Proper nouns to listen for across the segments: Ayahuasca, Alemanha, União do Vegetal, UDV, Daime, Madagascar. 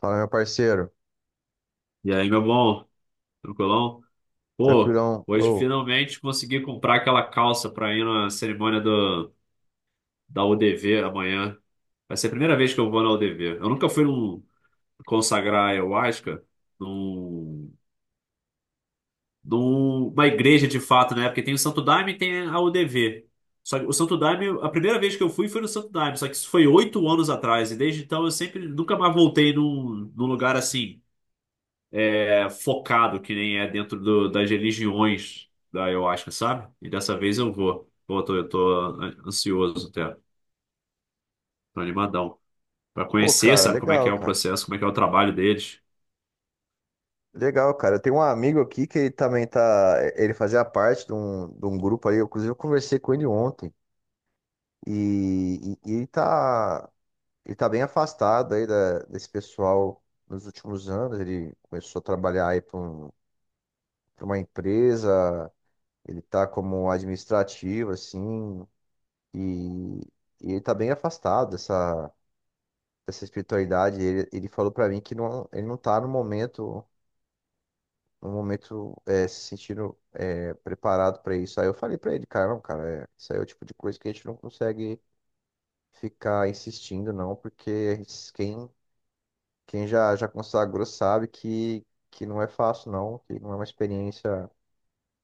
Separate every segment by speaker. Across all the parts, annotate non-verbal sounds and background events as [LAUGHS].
Speaker 1: Fala, meu parceiro.
Speaker 2: E aí, meu bom? Tranquilão? Pô,
Speaker 1: Tranquilão.
Speaker 2: hoje finalmente consegui comprar aquela calça pra ir na cerimônia da UDV amanhã. Vai ser a primeira vez que eu vou na UDV. Eu nunca fui consagrar ayahuasca num, numa igreja de fato, né? Porque tem o Santo Daime e tem a UDV. Só que o Santo Daime, a primeira vez que eu fui foi no Santo Daime, só que isso foi 8 anos atrás. E desde então eu sempre nunca mais voltei num lugar assim. É focado, que nem é dentro das religiões da ayahuasca, sabe? E dessa vez eu vou. Pô, eu tô ansioso até, tô animadão. Pra
Speaker 1: Pô,
Speaker 2: conhecer,
Speaker 1: cara,
Speaker 2: sabe, como é que
Speaker 1: legal,
Speaker 2: é o
Speaker 1: cara.
Speaker 2: processo, como é que é o trabalho deles.
Speaker 1: Legal, cara. Eu tenho um amigo aqui que ele também tá. Ele fazia parte de um grupo aí. Inclusive, eu conversei com ele ontem. E ele tá. Ele tá bem afastado aí desse pessoal nos últimos anos. Ele começou a trabalhar aí pra uma empresa. Ele tá como administrativo, assim. E, e ele tá bem afastado dessa. Dessa espiritualidade, ele falou pra mim que não, ele não tá no momento, no momento se sentindo preparado pra isso. Aí eu falei pra ele, cara, não, cara, é, isso aí é o tipo de coisa que a gente não consegue ficar insistindo, não, porque quem já consagrou sabe que não é fácil, não, que não é uma experiência,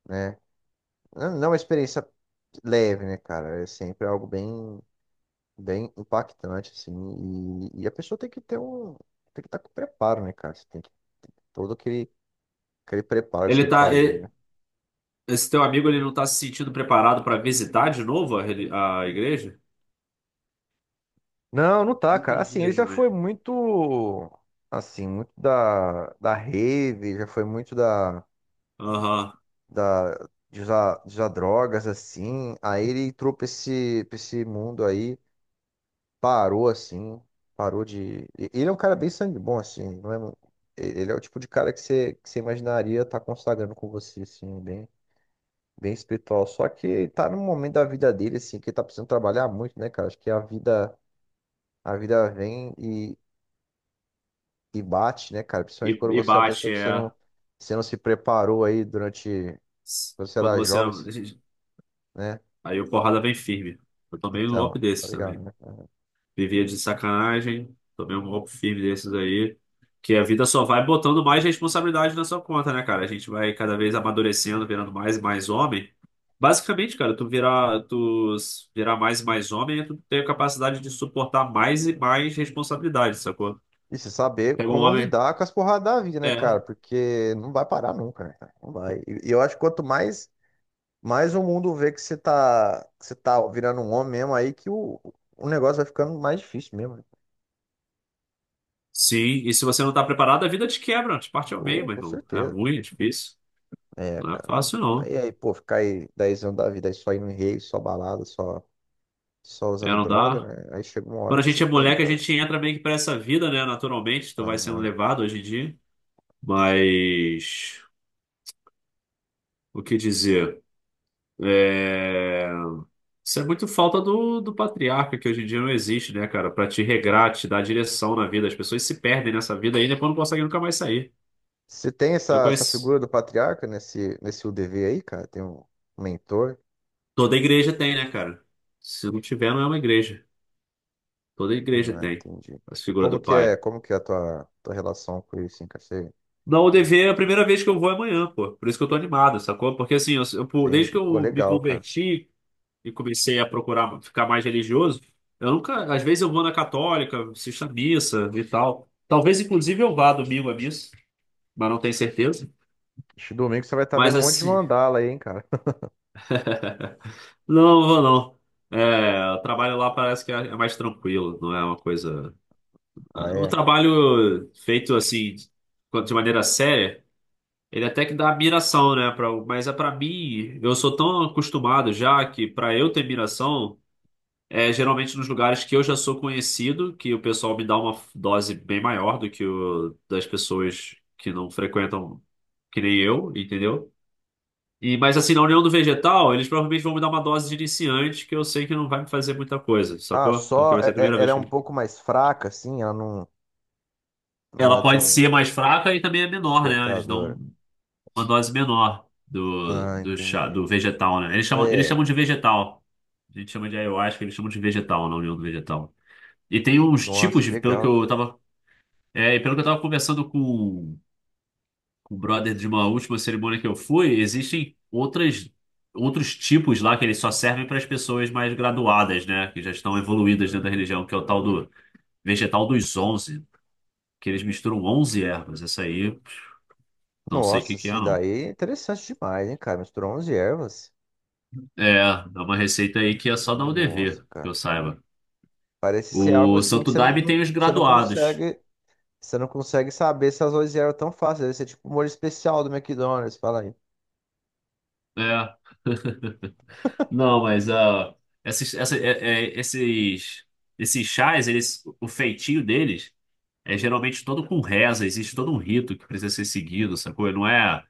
Speaker 1: né? Não é uma experiência leve, né, cara? É sempre algo bem, bem impactante, assim, e a pessoa tem que ter tem que estar com preparo, né, cara? Você tem que todo aquele Aquele preparo que você
Speaker 2: Ele
Speaker 1: tem que
Speaker 2: tá.
Speaker 1: fazer,
Speaker 2: ele-
Speaker 1: né?
Speaker 2: Esse teu amigo, ele não tá se sentindo preparado pra visitar de novo a igreja?
Speaker 1: Não, não tá,
Speaker 2: Não
Speaker 1: cara.
Speaker 2: entendi
Speaker 1: Assim, ele
Speaker 2: isso,
Speaker 1: já
Speaker 2: mas.
Speaker 1: foi muito, assim, muito da rave, já foi muito
Speaker 2: Aham.
Speaker 1: de usar drogas, assim. Aí ele entrou pra esse mundo aí, parou, assim, Ele é um cara bem sangue bom, assim, não é... mu- e- Ele é o tipo de cara que você imaginaria estar consagrando com você, assim, bem, bem espiritual. Só que tá num momento da vida dele, assim, que ele tá precisando trabalhar muito, né, cara? Acho que a vida vem e bate, né, cara? Principalmente
Speaker 2: E,
Speaker 1: quando
Speaker 2: e
Speaker 1: você é uma pessoa
Speaker 2: bate,
Speaker 1: que
Speaker 2: é.
Speaker 1: você não se preparou aí durante, quando você
Speaker 2: Quando
Speaker 1: era
Speaker 2: você.
Speaker 1: jovem, assim, né?
Speaker 2: Aí o porrada vem firme. Eu tomei um
Speaker 1: Então,
Speaker 2: golpe
Speaker 1: tá
Speaker 2: desses
Speaker 1: ligado,
Speaker 2: também.
Speaker 1: né?
Speaker 2: Vivia de sacanagem. Tomei um golpe firme desses aí. Que a vida só vai botando mais responsabilidade na sua conta, né, cara? A gente vai cada vez amadurecendo, virando mais e mais homem. Basicamente, cara, tu virar, tu s- virar mais e mais homem, é tu tem a capacidade de suportar mais e mais responsabilidade, sacou?
Speaker 1: E se saber
Speaker 2: Pega um
Speaker 1: como
Speaker 2: homem.
Speaker 1: lidar com as porradas da vida, né, cara?
Speaker 2: É.
Speaker 1: Porque não vai parar nunca, né, cara? Não vai. E eu acho que quanto mais, mais o mundo vê que você tá virando um homem mesmo aí, o negócio vai ficando mais difícil mesmo, né?
Speaker 2: Sim, e se você não tá preparado, a vida te quebra, te parte ao meio,
Speaker 1: Pô,
Speaker 2: mas
Speaker 1: com
Speaker 2: não. É
Speaker 1: certeza.
Speaker 2: ruim, é difícil.
Speaker 1: É,
Speaker 2: Não é
Speaker 1: cara.
Speaker 2: fácil, não.
Speaker 1: Pô, ficar aí 10 anos da vida aí só indo em rave, só balada, só. Só
Speaker 2: É,
Speaker 1: usando
Speaker 2: não
Speaker 1: droga,
Speaker 2: dá.
Speaker 1: né? Aí chega uma
Speaker 2: Quando
Speaker 1: hora
Speaker 2: a
Speaker 1: que
Speaker 2: gente
Speaker 1: você
Speaker 2: é
Speaker 1: pega e
Speaker 2: moleque, a
Speaker 1: fala.
Speaker 2: gente entra meio que pra essa vida, né? Naturalmente, tu vai sendo
Speaker 1: Aham.
Speaker 2: levado hoje em dia. Mas o que dizer? É... Isso é muito falta do patriarca, que hoje em dia não existe, né, cara? Pra te regrar, te dar direção na vida. As pessoas se perdem nessa vida aí e depois não conseguem nunca mais sair.
Speaker 1: Você tem
Speaker 2: Eu
Speaker 1: essa
Speaker 2: conheço.
Speaker 1: figura do patriarca nesse UDV aí, cara? Tem um mentor?
Speaker 2: Toda igreja tem, né, cara? Se não tiver, não é uma igreja. Toda igreja
Speaker 1: Ah,
Speaker 2: tem
Speaker 1: entendi.
Speaker 2: a
Speaker 1: E
Speaker 2: figura do pai.
Speaker 1: como que é a tua relação com isso, hein, cara? Você
Speaker 2: Na UDV é a primeira vez que eu vou é amanhã, pô. Por isso que eu tô animado, sacou? Porque assim, desde que
Speaker 1: entende? Pô,
Speaker 2: eu me
Speaker 1: legal, cara.
Speaker 2: converti e comecei a procurar ficar mais religioso, eu nunca, às vezes eu vou na católica, assisto à missa e tal. Talvez inclusive eu vá domingo à missa, mas não tenho certeza.
Speaker 1: Este domingo você vai estar
Speaker 2: Mas
Speaker 1: vendo um monte de
Speaker 2: assim,
Speaker 1: mandala aí, hein, cara? [LAUGHS]
Speaker 2: [LAUGHS] não vou não. É, o trabalho lá parece que é mais tranquilo, não é uma coisa.
Speaker 1: Ah,
Speaker 2: O
Speaker 1: é.
Speaker 2: trabalho feito assim, de maneira séria, ele até que dá admiração, né? Mas é para mim, eu sou tão acostumado já que para eu ter admiração. É, geralmente nos lugares que eu já sou conhecido, que o pessoal me dá uma dose bem maior do que o das pessoas que não frequentam, que nem eu, entendeu? E mas assim, na União do Vegetal, eles provavelmente vão me dar uma dose de iniciante que eu sei que não vai me fazer muita coisa,
Speaker 1: Ah,
Speaker 2: sacou? Porque
Speaker 1: só
Speaker 2: vai ser a primeira
Speaker 1: ela
Speaker 2: vez
Speaker 1: é
Speaker 2: que
Speaker 1: um
Speaker 2: eu...
Speaker 1: pouco mais fraca, assim, ela não, não
Speaker 2: Ela
Speaker 1: é
Speaker 2: pode
Speaker 1: tão
Speaker 2: ser mais fraca e também é menor, né? Eles
Speaker 1: despertadora.
Speaker 2: dão uma dose menor do,
Speaker 1: Ah,
Speaker 2: do chá,
Speaker 1: entendi.
Speaker 2: do vegetal, né? Eles chamam, eles
Speaker 1: É,
Speaker 2: chamam de vegetal. A gente chama de ayahuasca, eles chamam de vegetal na União do Vegetal. E tem uns
Speaker 1: nossa,
Speaker 2: tipos,
Speaker 1: que
Speaker 2: pelo que
Speaker 1: legal,
Speaker 2: eu
Speaker 1: cara.
Speaker 2: tava. É, e pelo que eu estava conversando com o brother de uma última cerimônia que eu fui, existem outros tipos lá que eles só servem para as pessoas mais graduadas, né? Que já estão evoluídas dentro da religião, que é o tal do vegetal dos onze, que eles misturam 11 ervas. Essa aí, pff, não sei o que
Speaker 1: Nossa,
Speaker 2: que é,
Speaker 1: esse
Speaker 2: não.
Speaker 1: daí é interessante demais, hein, cara? Misturou 11 ervas.
Speaker 2: É uma receita aí que é só dar o
Speaker 1: Nossa,
Speaker 2: dever, que
Speaker 1: cara.
Speaker 2: eu saiba.
Speaker 1: Parece ser algo
Speaker 2: O
Speaker 1: assim que
Speaker 2: Santo
Speaker 1: você não,
Speaker 2: Daime
Speaker 1: não-
Speaker 2: tem os graduados.
Speaker 1: você não consegue saber se as 11 ervas tão fáceis. Deve ser tipo o molho especial do McDonald's, fala aí.
Speaker 2: É, não, mas esses, essa- é- é- esses, esses chás, eles, o feitinho deles é geralmente todo com reza, existe todo um rito que precisa ser seguido, sacou? Não é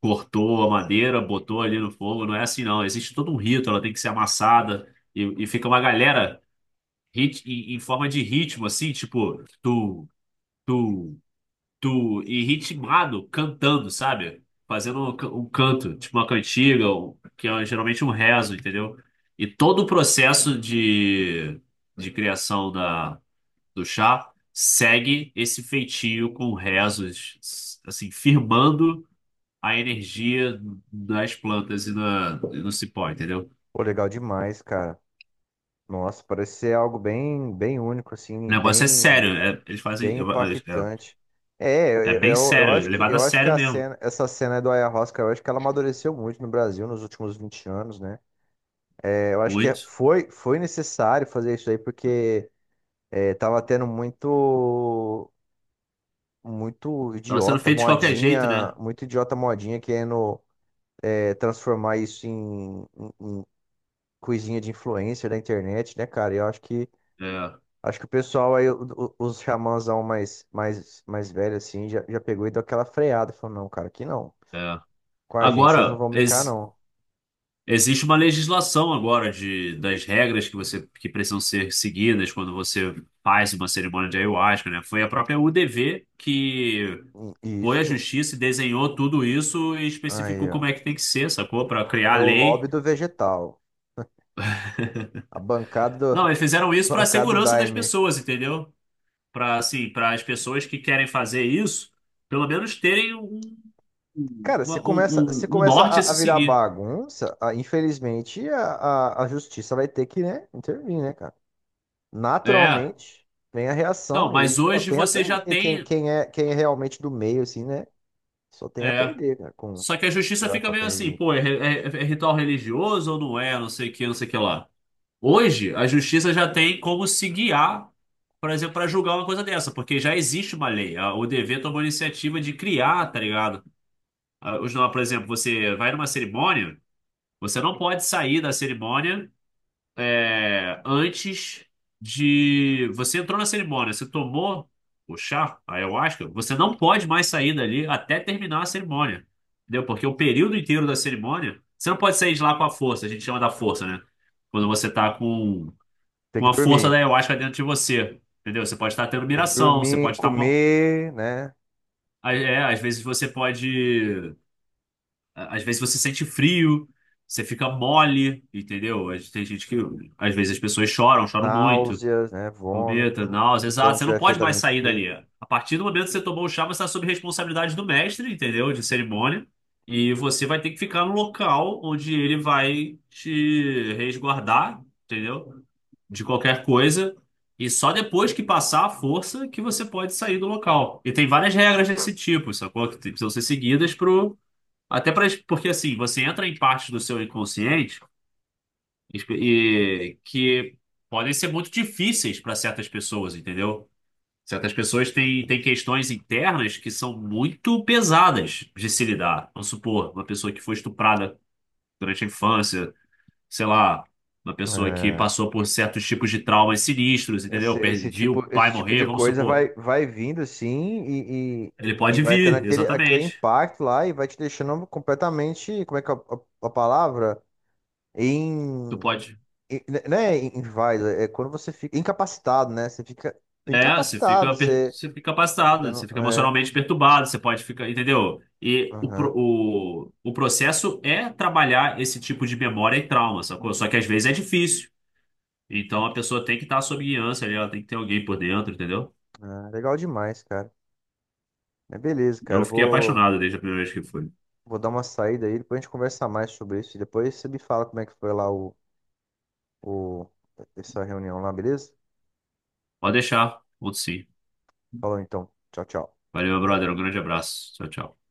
Speaker 2: cortou a madeira, botou ali no fogo, não é assim não. Existe todo um rito, ela tem que ser amassada e fica uma galera em forma de ritmo, assim, tipo tu, e ritmado, cantando, sabe? Fazendo um canto, tipo uma cantiga, que é geralmente um rezo, entendeu? E todo o processo de criação do chá segue esse feitio com rezos, assim, firmando a energia das plantas e no cipó, entendeu?
Speaker 1: Pô, legal demais, cara. Nossa, parece ser algo bem, bem único,
Speaker 2: O
Speaker 1: assim,
Speaker 2: negócio é sério,
Speaker 1: bem,
Speaker 2: eles fazem.
Speaker 1: bem impactante. É,
Speaker 2: É, é bem
Speaker 1: eu
Speaker 2: sério, é
Speaker 1: acho
Speaker 2: levado a
Speaker 1: eu acho que
Speaker 2: sério
Speaker 1: a
Speaker 2: mesmo.
Speaker 1: cena, essa cena do Ayahuasca, eu acho que ela amadureceu muito no Brasil nos últimos 20 anos, né? É, eu acho que
Speaker 2: Muito.
Speaker 1: foi necessário fazer isso aí, porque é, tava tendo muito,
Speaker 2: Tava sendo feito de qualquer jeito, né?
Speaker 1: muito idiota modinha querendo é, transformar isso em coisinha de influencer da internet, né, cara? Eu acho
Speaker 2: É,
Speaker 1: que o pessoal aí, os xamãzão mais, mais, mais velho assim, já, já pegou e deu aquela freada, falou, não, cara, aqui não.
Speaker 2: é.
Speaker 1: Com a gente, vocês não
Speaker 2: Agora,
Speaker 1: vão brincar, não.
Speaker 2: existe uma legislação agora das regras que precisam ser seguidas quando você faz uma cerimônia de ayahuasca, né? Foi a própria UDV que
Speaker 1: E
Speaker 2: foi a
Speaker 1: isso
Speaker 2: justiça e desenhou tudo isso e
Speaker 1: aí,
Speaker 2: especificou como
Speaker 1: ó.
Speaker 2: é que tem que ser, sacou? Pra criar
Speaker 1: É
Speaker 2: a
Speaker 1: o lobby
Speaker 2: lei.
Speaker 1: do vegetal.
Speaker 2: [LAUGHS]
Speaker 1: A bancada
Speaker 2: Não,
Speaker 1: do,
Speaker 2: eles fizeram
Speaker 1: [LAUGHS]
Speaker 2: isso pra
Speaker 1: bancada do
Speaker 2: segurança das
Speaker 1: Daime.
Speaker 2: pessoas, entendeu? Pra assim, para as pessoas que querem fazer isso, pelo menos terem um,
Speaker 1: Cara,
Speaker 2: uma-
Speaker 1: você
Speaker 2: um, um- um
Speaker 1: começa
Speaker 2: norte a
Speaker 1: a
Speaker 2: se
Speaker 1: virar
Speaker 2: seguir.
Speaker 1: bagunça, infelizmente a justiça vai ter que, né, intervir, né, cara?
Speaker 2: É.
Speaker 1: Naturalmente, vem a reação
Speaker 2: Não,
Speaker 1: e
Speaker 2: mas
Speaker 1: ele só
Speaker 2: hoje
Speaker 1: tem a
Speaker 2: você já
Speaker 1: perder. E
Speaker 2: tem.
Speaker 1: quem é realmente do meio, assim, né? Só tem a
Speaker 2: É.
Speaker 1: perder, cara, com,
Speaker 2: Só que a
Speaker 1: sei
Speaker 2: justiça
Speaker 1: lá,
Speaker 2: fica meio
Speaker 1: qualquer
Speaker 2: assim,
Speaker 1: regime.
Speaker 2: pô, é ritual religioso ou não é? Não sei o que, não sei o que lá. Hoje, a justiça já tem como se guiar, por exemplo, para julgar uma coisa dessa, porque já existe uma lei. A ODV tomou a iniciativa de criar, tá ligado? Não, por exemplo, você vai numa cerimônia, você não pode sair da cerimônia antes de. Você entrou na cerimônia, você tomou o chá, a ayahuasca, você não pode mais sair dali até terminar a cerimônia. Entendeu? Porque o período inteiro da cerimônia, você não pode sair de lá com a força, a gente chama da força, né? Quando você tá com
Speaker 1: Tem
Speaker 2: com
Speaker 1: que
Speaker 2: a força
Speaker 1: dormir.
Speaker 2: da ayahuasca dentro de você. Entendeu? Você pode estar tendo
Speaker 1: Tem que
Speaker 2: miração, você
Speaker 1: dormir,
Speaker 2: pode estar mal.
Speaker 1: comer, né?
Speaker 2: É, às vezes você pode. Às vezes você sente frio, você fica mole, entendeu? Tem gente que. Às vezes as pessoas choram, choram muito,
Speaker 1: Náuseas, né?
Speaker 2: vomita,
Speaker 1: Vômito. Se a
Speaker 2: náuseas.
Speaker 1: pessoa não
Speaker 2: Exato, você não
Speaker 1: tiver
Speaker 2: pode
Speaker 1: feito a
Speaker 2: mais sair
Speaker 1: limpeza.
Speaker 2: dali. A partir do momento que você tomou o chá, você está sob responsabilidade do mestre, entendeu? De cerimônia. E você vai ter que ficar no local onde ele vai te resguardar, entendeu, de qualquer coisa. E só depois que passar a força que você pode sair do local. E tem várias regras desse tipo, sacou? Que precisam ser seguidas pro... Até pra... Porque assim, você entra em partes do seu inconsciente e que podem ser muito difíceis para certas pessoas, entendeu? Certas pessoas têm questões internas que são muito pesadas de se lidar. Vamos supor, uma pessoa que foi estuprada durante a infância, sei lá, uma pessoa que
Speaker 1: É.
Speaker 2: passou por certos tipos de traumas sinistros, entendeu? Viu o pai
Speaker 1: Esse tipo
Speaker 2: morrer,
Speaker 1: de
Speaker 2: vamos
Speaker 1: coisa
Speaker 2: supor.
Speaker 1: vai, vai vindo assim
Speaker 2: Ele
Speaker 1: e
Speaker 2: pode
Speaker 1: vai tendo
Speaker 2: vir,
Speaker 1: aquele, aquele
Speaker 2: exatamente.
Speaker 1: impacto lá e vai te deixando completamente, como é que é a palavra?
Speaker 2: Tu
Speaker 1: Em,
Speaker 2: pode.
Speaker 1: em- não é em- inválido, é quando você fica incapacitado, né? Você fica
Speaker 2: É, você fica,
Speaker 1: incapacitado, você,
Speaker 2: você fica
Speaker 1: você
Speaker 2: passado,
Speaker 1: não,
Speaker 2: você fica
Speaker 1: é,
Speaker 2: emocionalmente perturbado, você pode ficar, entendeu? E o, pro-
Speaker 1: aham,
Speaker 2: o, o processo é trabalhar esse tipo de memória e trauma, sacou? Só que às vezes é difícil. Então a pessoa tem que estar sob guiança ali, ela tem que ter alguém por dentro, entendeu?
Speaker 1: ah, legal demais, cara. É beleza, cara,
Speaker 2: Eu fiquei
Speaker 1: vou,
Speaker 2: apaixonado desde a primeira vez que fui.
Speaker 1: vou dar uma saída aí, depois a gente conversa mais sobre isso e depois você me fala como é que foi lá o, essa reunião lá, beleza?
Speaker 2: Pode deixar, outro sim.
Speaker 1: Falou então, tchau, tchau.
Speaker 2: Valeu, meu brother. Um grande abraço. Tchau, tchau.